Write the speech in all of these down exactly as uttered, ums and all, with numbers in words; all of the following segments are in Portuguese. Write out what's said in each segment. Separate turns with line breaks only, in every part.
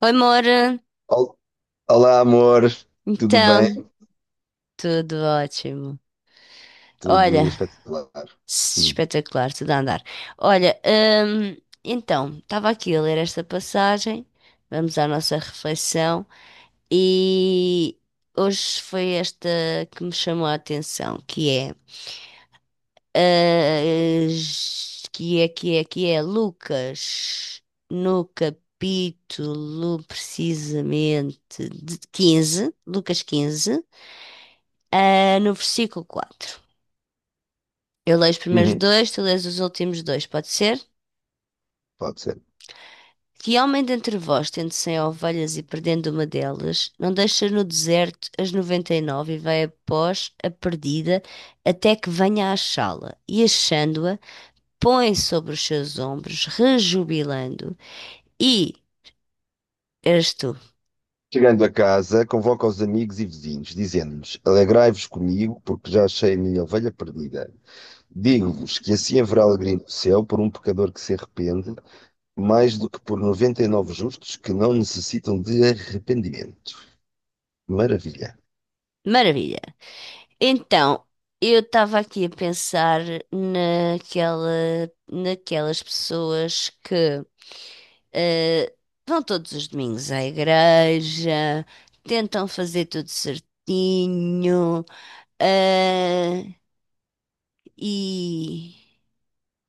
Oi, Moura.
Ol- Olá, amor, tudo bem?
Então, tudo ótimo. Olha,
Tudo espetacular. Hum.
espetacular, tudo a andar. Olha, hum, então, estava aqui a ler esta passagem. Vamos à nossa reflexão. E hoje foi esta que me chamou a atenção, que é, ah, que é, que é, que é Lucas, no capítulo precisamente de quinze, Lucas quinze. Ah, no versículo quatro eu leio os primeiros
Uhum.
dois, tu lês os últimos dois, pode ser?
Pode ser.
Que homem dentre vós, tendo cem ovelhas e perdendo uma delas, não deixa no deserto as noventa e nove e vai após a perdida até que venha a achá-la. E achando-a, põe sobre os seus ombros, rejubilando. E eres tu.
Chegando a casa, convoca os amigos e vizinhos, dizendo-lhes: Alegrai-vos comigo, porque já achei a minha ovelha perdida. Digo-vos que assim haverá alegria no céu por um pecador que se arrepende, mais do que por noventa e nove justos que não necessitam de arrependimento. Maravilha.
Maravilha. Então, eu estava aqui a pensar naquela, naquelas pessoas que Eh, vão todos os domingos à igreja, tentam fazer tudo certinho, eh, e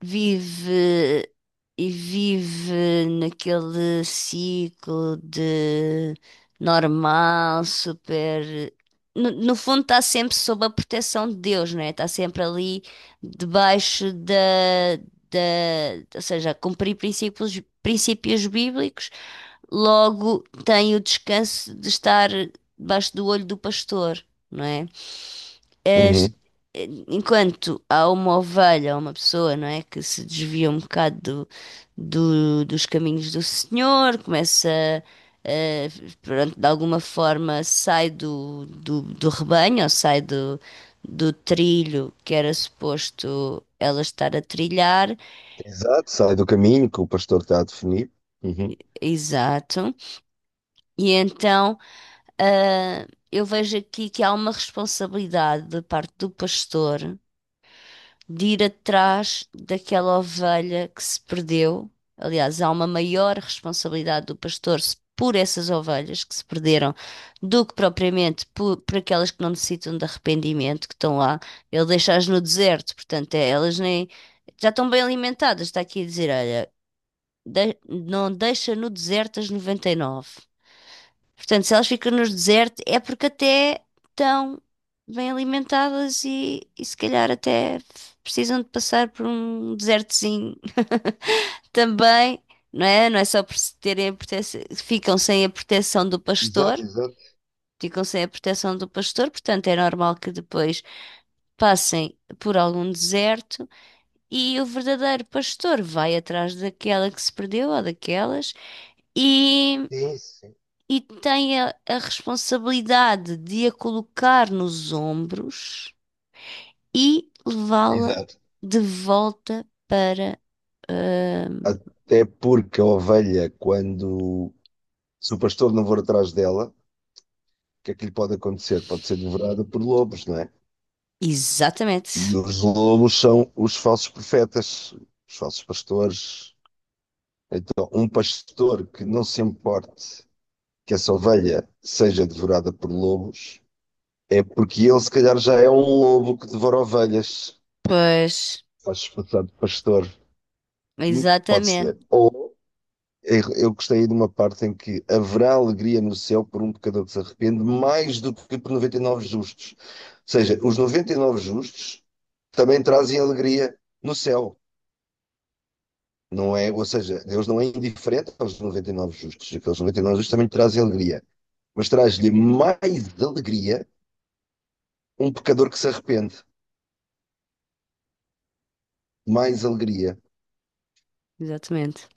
vive e vive naquele ciclo de normal, super. No, no fundo, está sempre sob a proteção de Deus, não é? Está sempre ali debaixo da, da, ou seja, a cumprir princípios, princípios bíblicos. Logo, tem o descanso de estar debaixo do olho do pastor, não é? As-
Uhum.
Enquanto há uma ovelha, há uma pessoa, não é, que se desvia um bocado do- do- dos caminhos do Senhor, começa, eh, pronto, de alguma forma sai do, do, do rebanho, ou sai do, do trilho que era suposto ela estar a trilhar,
Exato, sai do caminho que o pastor está a definir. Uhum.
exato, e então. Ah, eu vejo aqui que há uma responsabilidade da parte do pastor de ir atrás daquela ovelha que se perdeu. Aliás, há uma maior responsabilidade do pastor se- por essas ovelhas que se perderam do que propriamente por, por aquelas que não necessitam de arrependimento, que estão lá. Ele deixa-as no deserto, portanto, é, elas nem já estão bem alimentadas. Está aqui a dizer: olha, de- não deixa no deserto as noventa e nove. Portanto, se elas ficam nos desertos é porque até estão bem alimentadas e, e se calhar até precisam de passar por um desertozinho também, não é? Não é só por se terem a proteção, ficam sem a proteção do
Exato,
pastor,
exato.
ficam sem a proteção do pastor, portanto é normal que depois passem por algum deserto e o verdadeiro pastor vai atrás daquela que se perdeu ou daquelas
Sim, sim.
e tem a, a responsabilidade de a colocar nos ombros e levá-la
Exato.
de volta para. ahm,
Até porque a ovelha, quando se o pastor não for atrás dela, o que é que lhe pode acontecer? Pode ser devorada por lobos, não é?
Exatamente.
E os lobos são os falsos profetas, os falsos pastores. Então, um pastor que não se importe que essa ovelha seja devorada por lobos, é porque ele, se calhar, já é um lobo que devora ovelhas.
Pois,
Faz-se passar de pastor. Hum, Pode ser.
exatamente,
Ou Eu eu gostei de uma parte em que haverá alegria no céu por um pecador que se arrepende, mais do que por noventa e nove justos. Ou seja, os noventa e nove justos também trazem alegria no céu. Não é, ou seja, Deus não é indiferente aos noventa e nove justos. Aqueles noventa e nove justos também trazem alegria. Mas traz-lhe mais alegria um pecador que se arrepende. Mais alegria.
exatamente.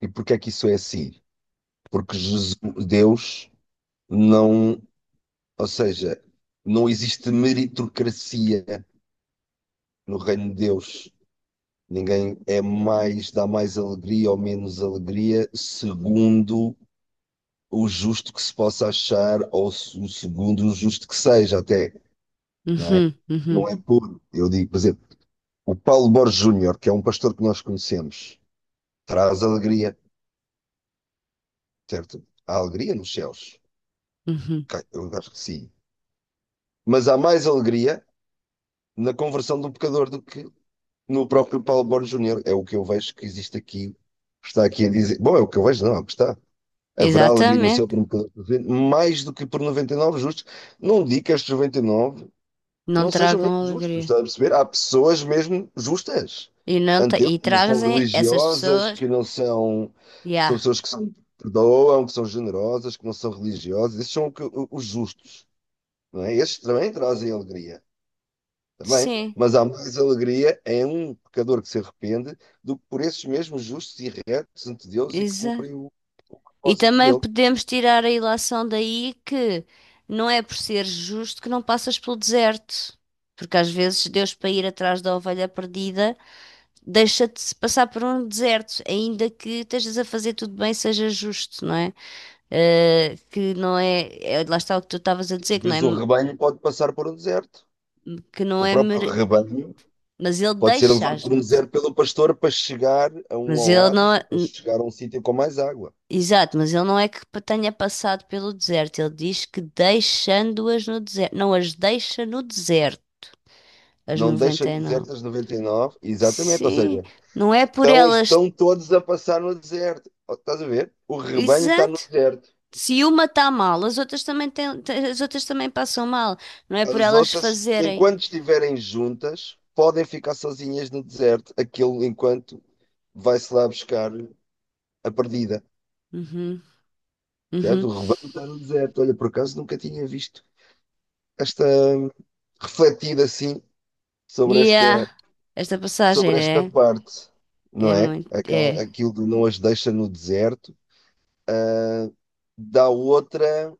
E porquê é que isso é assim? Porque Jesus- Deus não, ou seja, não existe meritocracia no reino de Deus. Ninguém é mais, dá mais alegria ou menos alegria, segundo o justo que se possa achar, ou segundo o justo que seja, até, não é?
Uhum, uhum,
Não é puro. Eu digo, por exemplo, o Paulo Borges Júnior, que é um pastor que nós conhecemos, traz alegria, certo? Há alegria nos céus.
uhum.
Ok, eu acho que sim. Mas há mais alegria na conversão do pecador do que no próprio Paulo Borges Júnior. É o que eu vejo que existe aqui, está aqui a dizer. Bom, é o que eu vejo, não, é o que está. Haverá alegria no céu
Exatamente.
por um pecador presente, mais do que por noventa e nove justos. Não digo que estes noventa e nove
Não
não sejam mesmo
tragam
justos,
alegria.
está a perceber? Há pessoas mesmo justas.
E, não tra-
Ante eu,
e
que não são
trazem essas
religiosas,
pessoas.
que não são. São
Yeah.
pessoas que são, perdoam, que são generosas, que não são religiosas. Esses são o que- o- os justos, não é? Estes também trazem alegria, também.
Sim,
Mas há mais alegria em um pecador que se arrepende do que por esses mesmos justos e retos ante Deus e que cumprem o, o
e
propósito
também
dele.
podemos tirar a ilação daí que não é por ser justo que não passas pelo deserto. Porque às vezes Deus, para ir atrás da ovelha perdida, deixa-te passar por um deserto, ainda que estejas a fazer tudo bem, seja justo, não é? Eh, que não é, é- lá está o que tu estavas a dizer,
Às
que não é.
vezes o rebanho pode passar por um deserto.
Que não
O
é
próprio
mere-
rebanho
Mas ele
pode ser levado
deixa-as
por um
no
deserto
deserto.
pelo pastor para chegar a um
Mas ele não
oásis
é.
ou para chegar a um sítio com mais água.
Exato, mas ele não é que tenha passado pelo deserto. Ele diz que deixando-as no deserto. Não as deixa no deserto. As
Não deixa
noventa
no
e nove.
deserto as noventa e nove, exatamente, ou
Sim,
seja,
não é por
estão,
elas.
estão todos a passar no deserto. Oh, estás a ver? O rebanho está no
Exato.
deserto.
Se uma está mal, as outras também têm, te- as outras também passam mal. Não é por
As
elas
outras,
fazerem.
enquanto estiverem juntas, podem ficar sozinhas no deserto, aquilo enquanto vai-se lá buscar a perdida.
Uhum,
Certo?
uhum.
O rebanho está no deserto. Olha, por acaso nunca tinha visto esta, refletir assim sobre esta,
Yeah. Esta passagem,
sobre esta
né?
parte, não
É
é?
muito.
Aquela,
É.
aquilo de não as deixa no deserto, dá outra,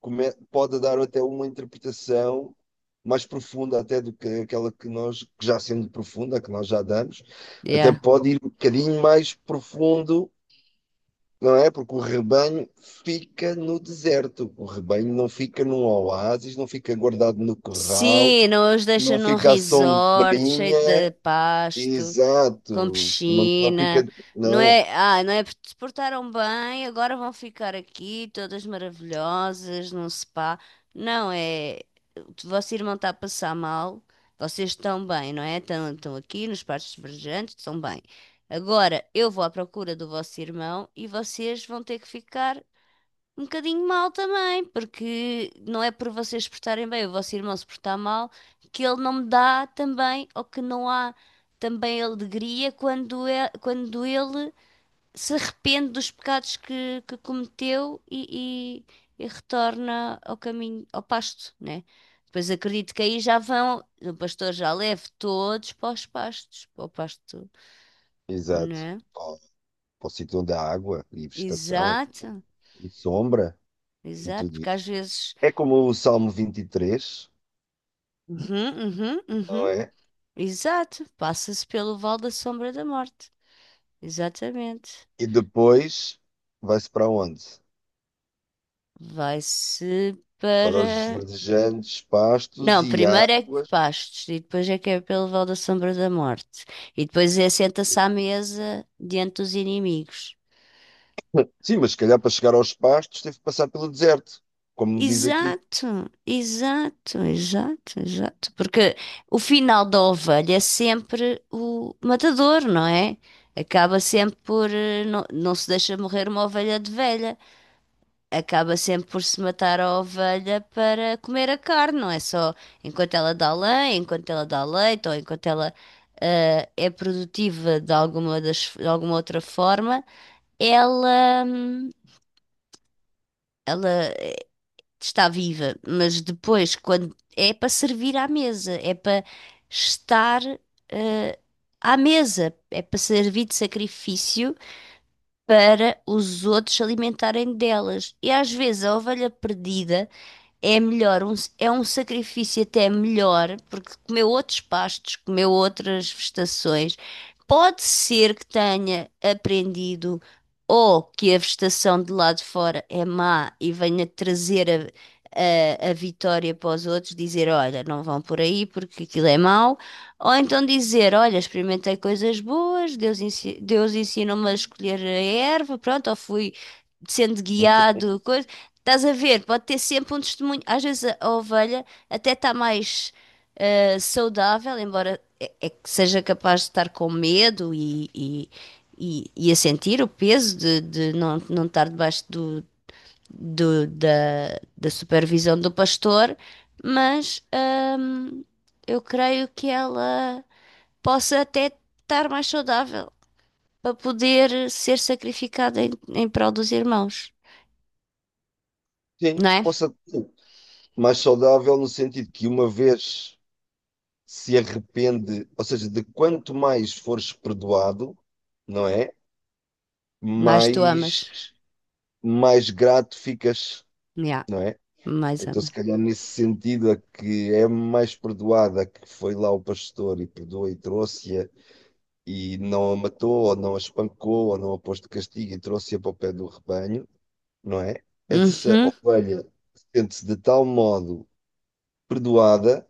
come- pode dar até uma interpretação mais profunda até do que aquela que nós, que já sendo profunda, que nós já damos, até
Yeah.
pode ir um bocadinho mais profundo, não é? Porque o rebanho fica no deserto, o rebanho não fica num oásis, não fica guardado no corral,
Sim, não os deixa
não
num
fica à
resort cheio de
sombrinha.
pasto, com
Exato. Não, não fica.
piscina, não
Não.
é? Ah, não é? Porque se portaram bem, agora vão ficar aqui todas maravilhosas num spa. Não é? O vosso irmão está a passar mal, vocês estão bem, não é? Estão, estão aqui nos parques verdejantes, estão bem. Agora eu vou à procura do vosso irmão e vocês vão ter que ficar um bocadinho mal também, porque não é por vocês se portarem bem, o vosso irmão se portar mal, que ele não me dá também, ou que não há também alegria quando, é, quando ele se arrepende dos pecados que, que cometeu e, e- e retorna ao caminho, ao pasto, né? Depois acredito que aí já vão, o pastor já leva todos para os pastos, para o pasto,
Exato.
né?
Ó, para o sítio onde há água e vegetação e
Exato,
e sombra e
exato,
tudo
porque
isso.
às vezes.
É como o Salmo vinte e três,
Uhum, uhum,
não
uhum.
é?
Exato, passa-se pelo Vale da Sombra da Morte. Exatamente.
E depois vai-se para onde?
Vai-se
Para os
para.
verdejantes pastos
Não,
e
primeiro é que
águas.
pastos e depois é que é pelo Vale da Sombra da Morte. E depois é senta-se à mesa diante dos inimigos.
Sim, mas se calhar para chegar aos pastos teve que passar pelo deserto, como diz aqui.
Exato, exato, exato, exato. Porque o final da ovelha é sempre o matador, não é? Acaba sempre por. eh, Não, não se deixa morrer uma ovelha de velha. Acaba sempre por se matar a ovelha para comer a carne, não é só enquanto ela dá lã, enquanto ela dá leite ou enquanto ela ah, é produtiva de alguma, das, de alguma outra forma, ela hum, está viva, mas depois quando é para servir à mesa, é para estar ah, à mesa, é para servir de sacrifício para os outros se alimentarem delas. E às vezes a ovelha perdida é melhor, um- é um sacrifício até melhor, porque comeu outros pastos, comeu outras vegetações. Pode ser que tenha aprendido ou que a vegetação de lá de fora é má e venha trazer a, a- a vitória para os outros, dizer, olha, não vão por aí porque aquilo é mau, ou então dizer, olha, experimentei coisas boas, Deus, ensi- Deus ensinou-me a escolher a erva, pronto, ou fui sendo guiado. Estás a ver? Pode ter sempre um testemunho. Às vezes a, a ovelha até está mais ah, saudável, embora é, é que seja capaz de estar com medo e, e, e, e a sentir o peso de, de não, não estar debaixo do, do- da, da supervisão do pastor, mas ahm, eu creio que ela possa até estar mais saudável para poder ser sacrificada em, em prol dos irmãos,
Sim,
não é?
possa ser mais saudável no sentido que uma vez se arrepende, ou seja, de quanto mais fores perdoado, não é?
Mas tu amas.
Mais, mais grato ficas,
Yeah.
não é?
Mais
Então, se
amar.
calhar, nesse sentido, a que é mais perdoada, a que foi lá o pastor e perdoou e trouxe-a e não a matou, ou não a espancou, ou não a pôs de castigo e trouxe-a para o pé do rebanho, não é? Essa
Uhum.
ovelha sente-se de tal modo perdoada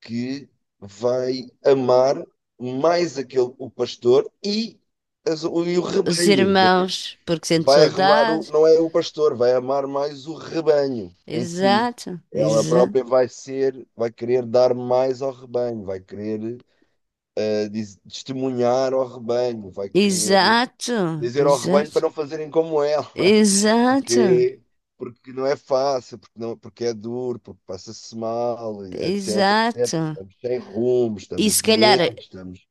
que vai amar mais aquele, o pastor e, as- o, e o
Os
rebanho. Não é?
irmãos, porque sente
Vai arrumar, o,
saudade.
não é o pastor, vai amar mais o rebanho em si.
Exato,
Ela
exato,
própria vai ser, vai querer dar mais ao rebanho, vai querer eh, diz- testemunhar ao rebanho, vai querer
exato,
dizer ao rebanho para não fazerem como ela.
exato, exato,
Porque, porque não é fácil, porque, não, porque é duro, porque passa-se mal, etc,
exato.
et cetera. Estamos sem rumo,
E
estamos
se calhar,
doentes, estamos.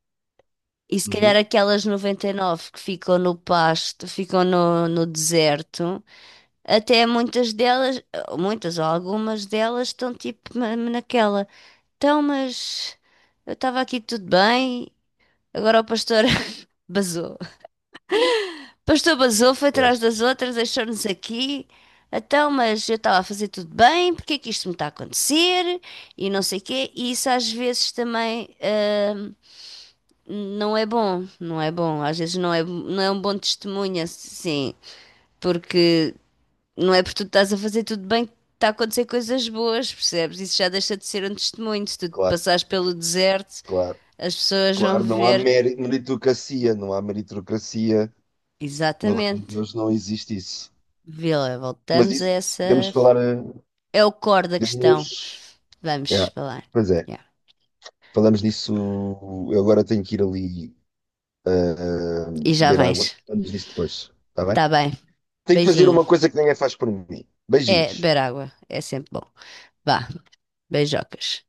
e se calhar
Uhum.
aquelas noventa e nove que ficam no pasto, ficam no, no deserto, até muitas delas, muitas ou algumas delas estão tipo na- naquela. Então, mas eu estava aqui tudo bem, agora o pastor basou. Pastor Basou foi atrás
Pois,
das outras, deixou-nos aqui. Então, mas eu estava a fazer tudo bem, porque é que isto me está a acontecer? E não sei o quê. E isso às vezes também eh, não é bom, não é bom. Às vezes não é, não é um bom testemunho, assim, porque não é porque tu estás a fazer tudo bem que está a acontecer coisas boas, percebes? Isso já deixa de ser um testemunho. Se tu
claro,
passares pelo deserto,
claro.
as pessoas vão
Claro, não há
ver.
meri- meritocracia, não há meritocracia. No reino de
Exatamente.
Deus não existe isso.
Vê lá,
Mas
voltamos a
isso
essa.
podemos falar, eh,
É o core da questão.
podemos.
Vamos
Yeah.
falar.
Pois é,
Yeah.
falamos disso. Eu agora tenho que ir ali
E já
beber água.
vens.
Falamos disso depois, está bem?
Tá bem.
Tenho que fazer
Beijinho.
uma coisa que ninguém faz por mim.
É,
Beijinhos.
beber água. É sempre bom. Vá. Beijocas.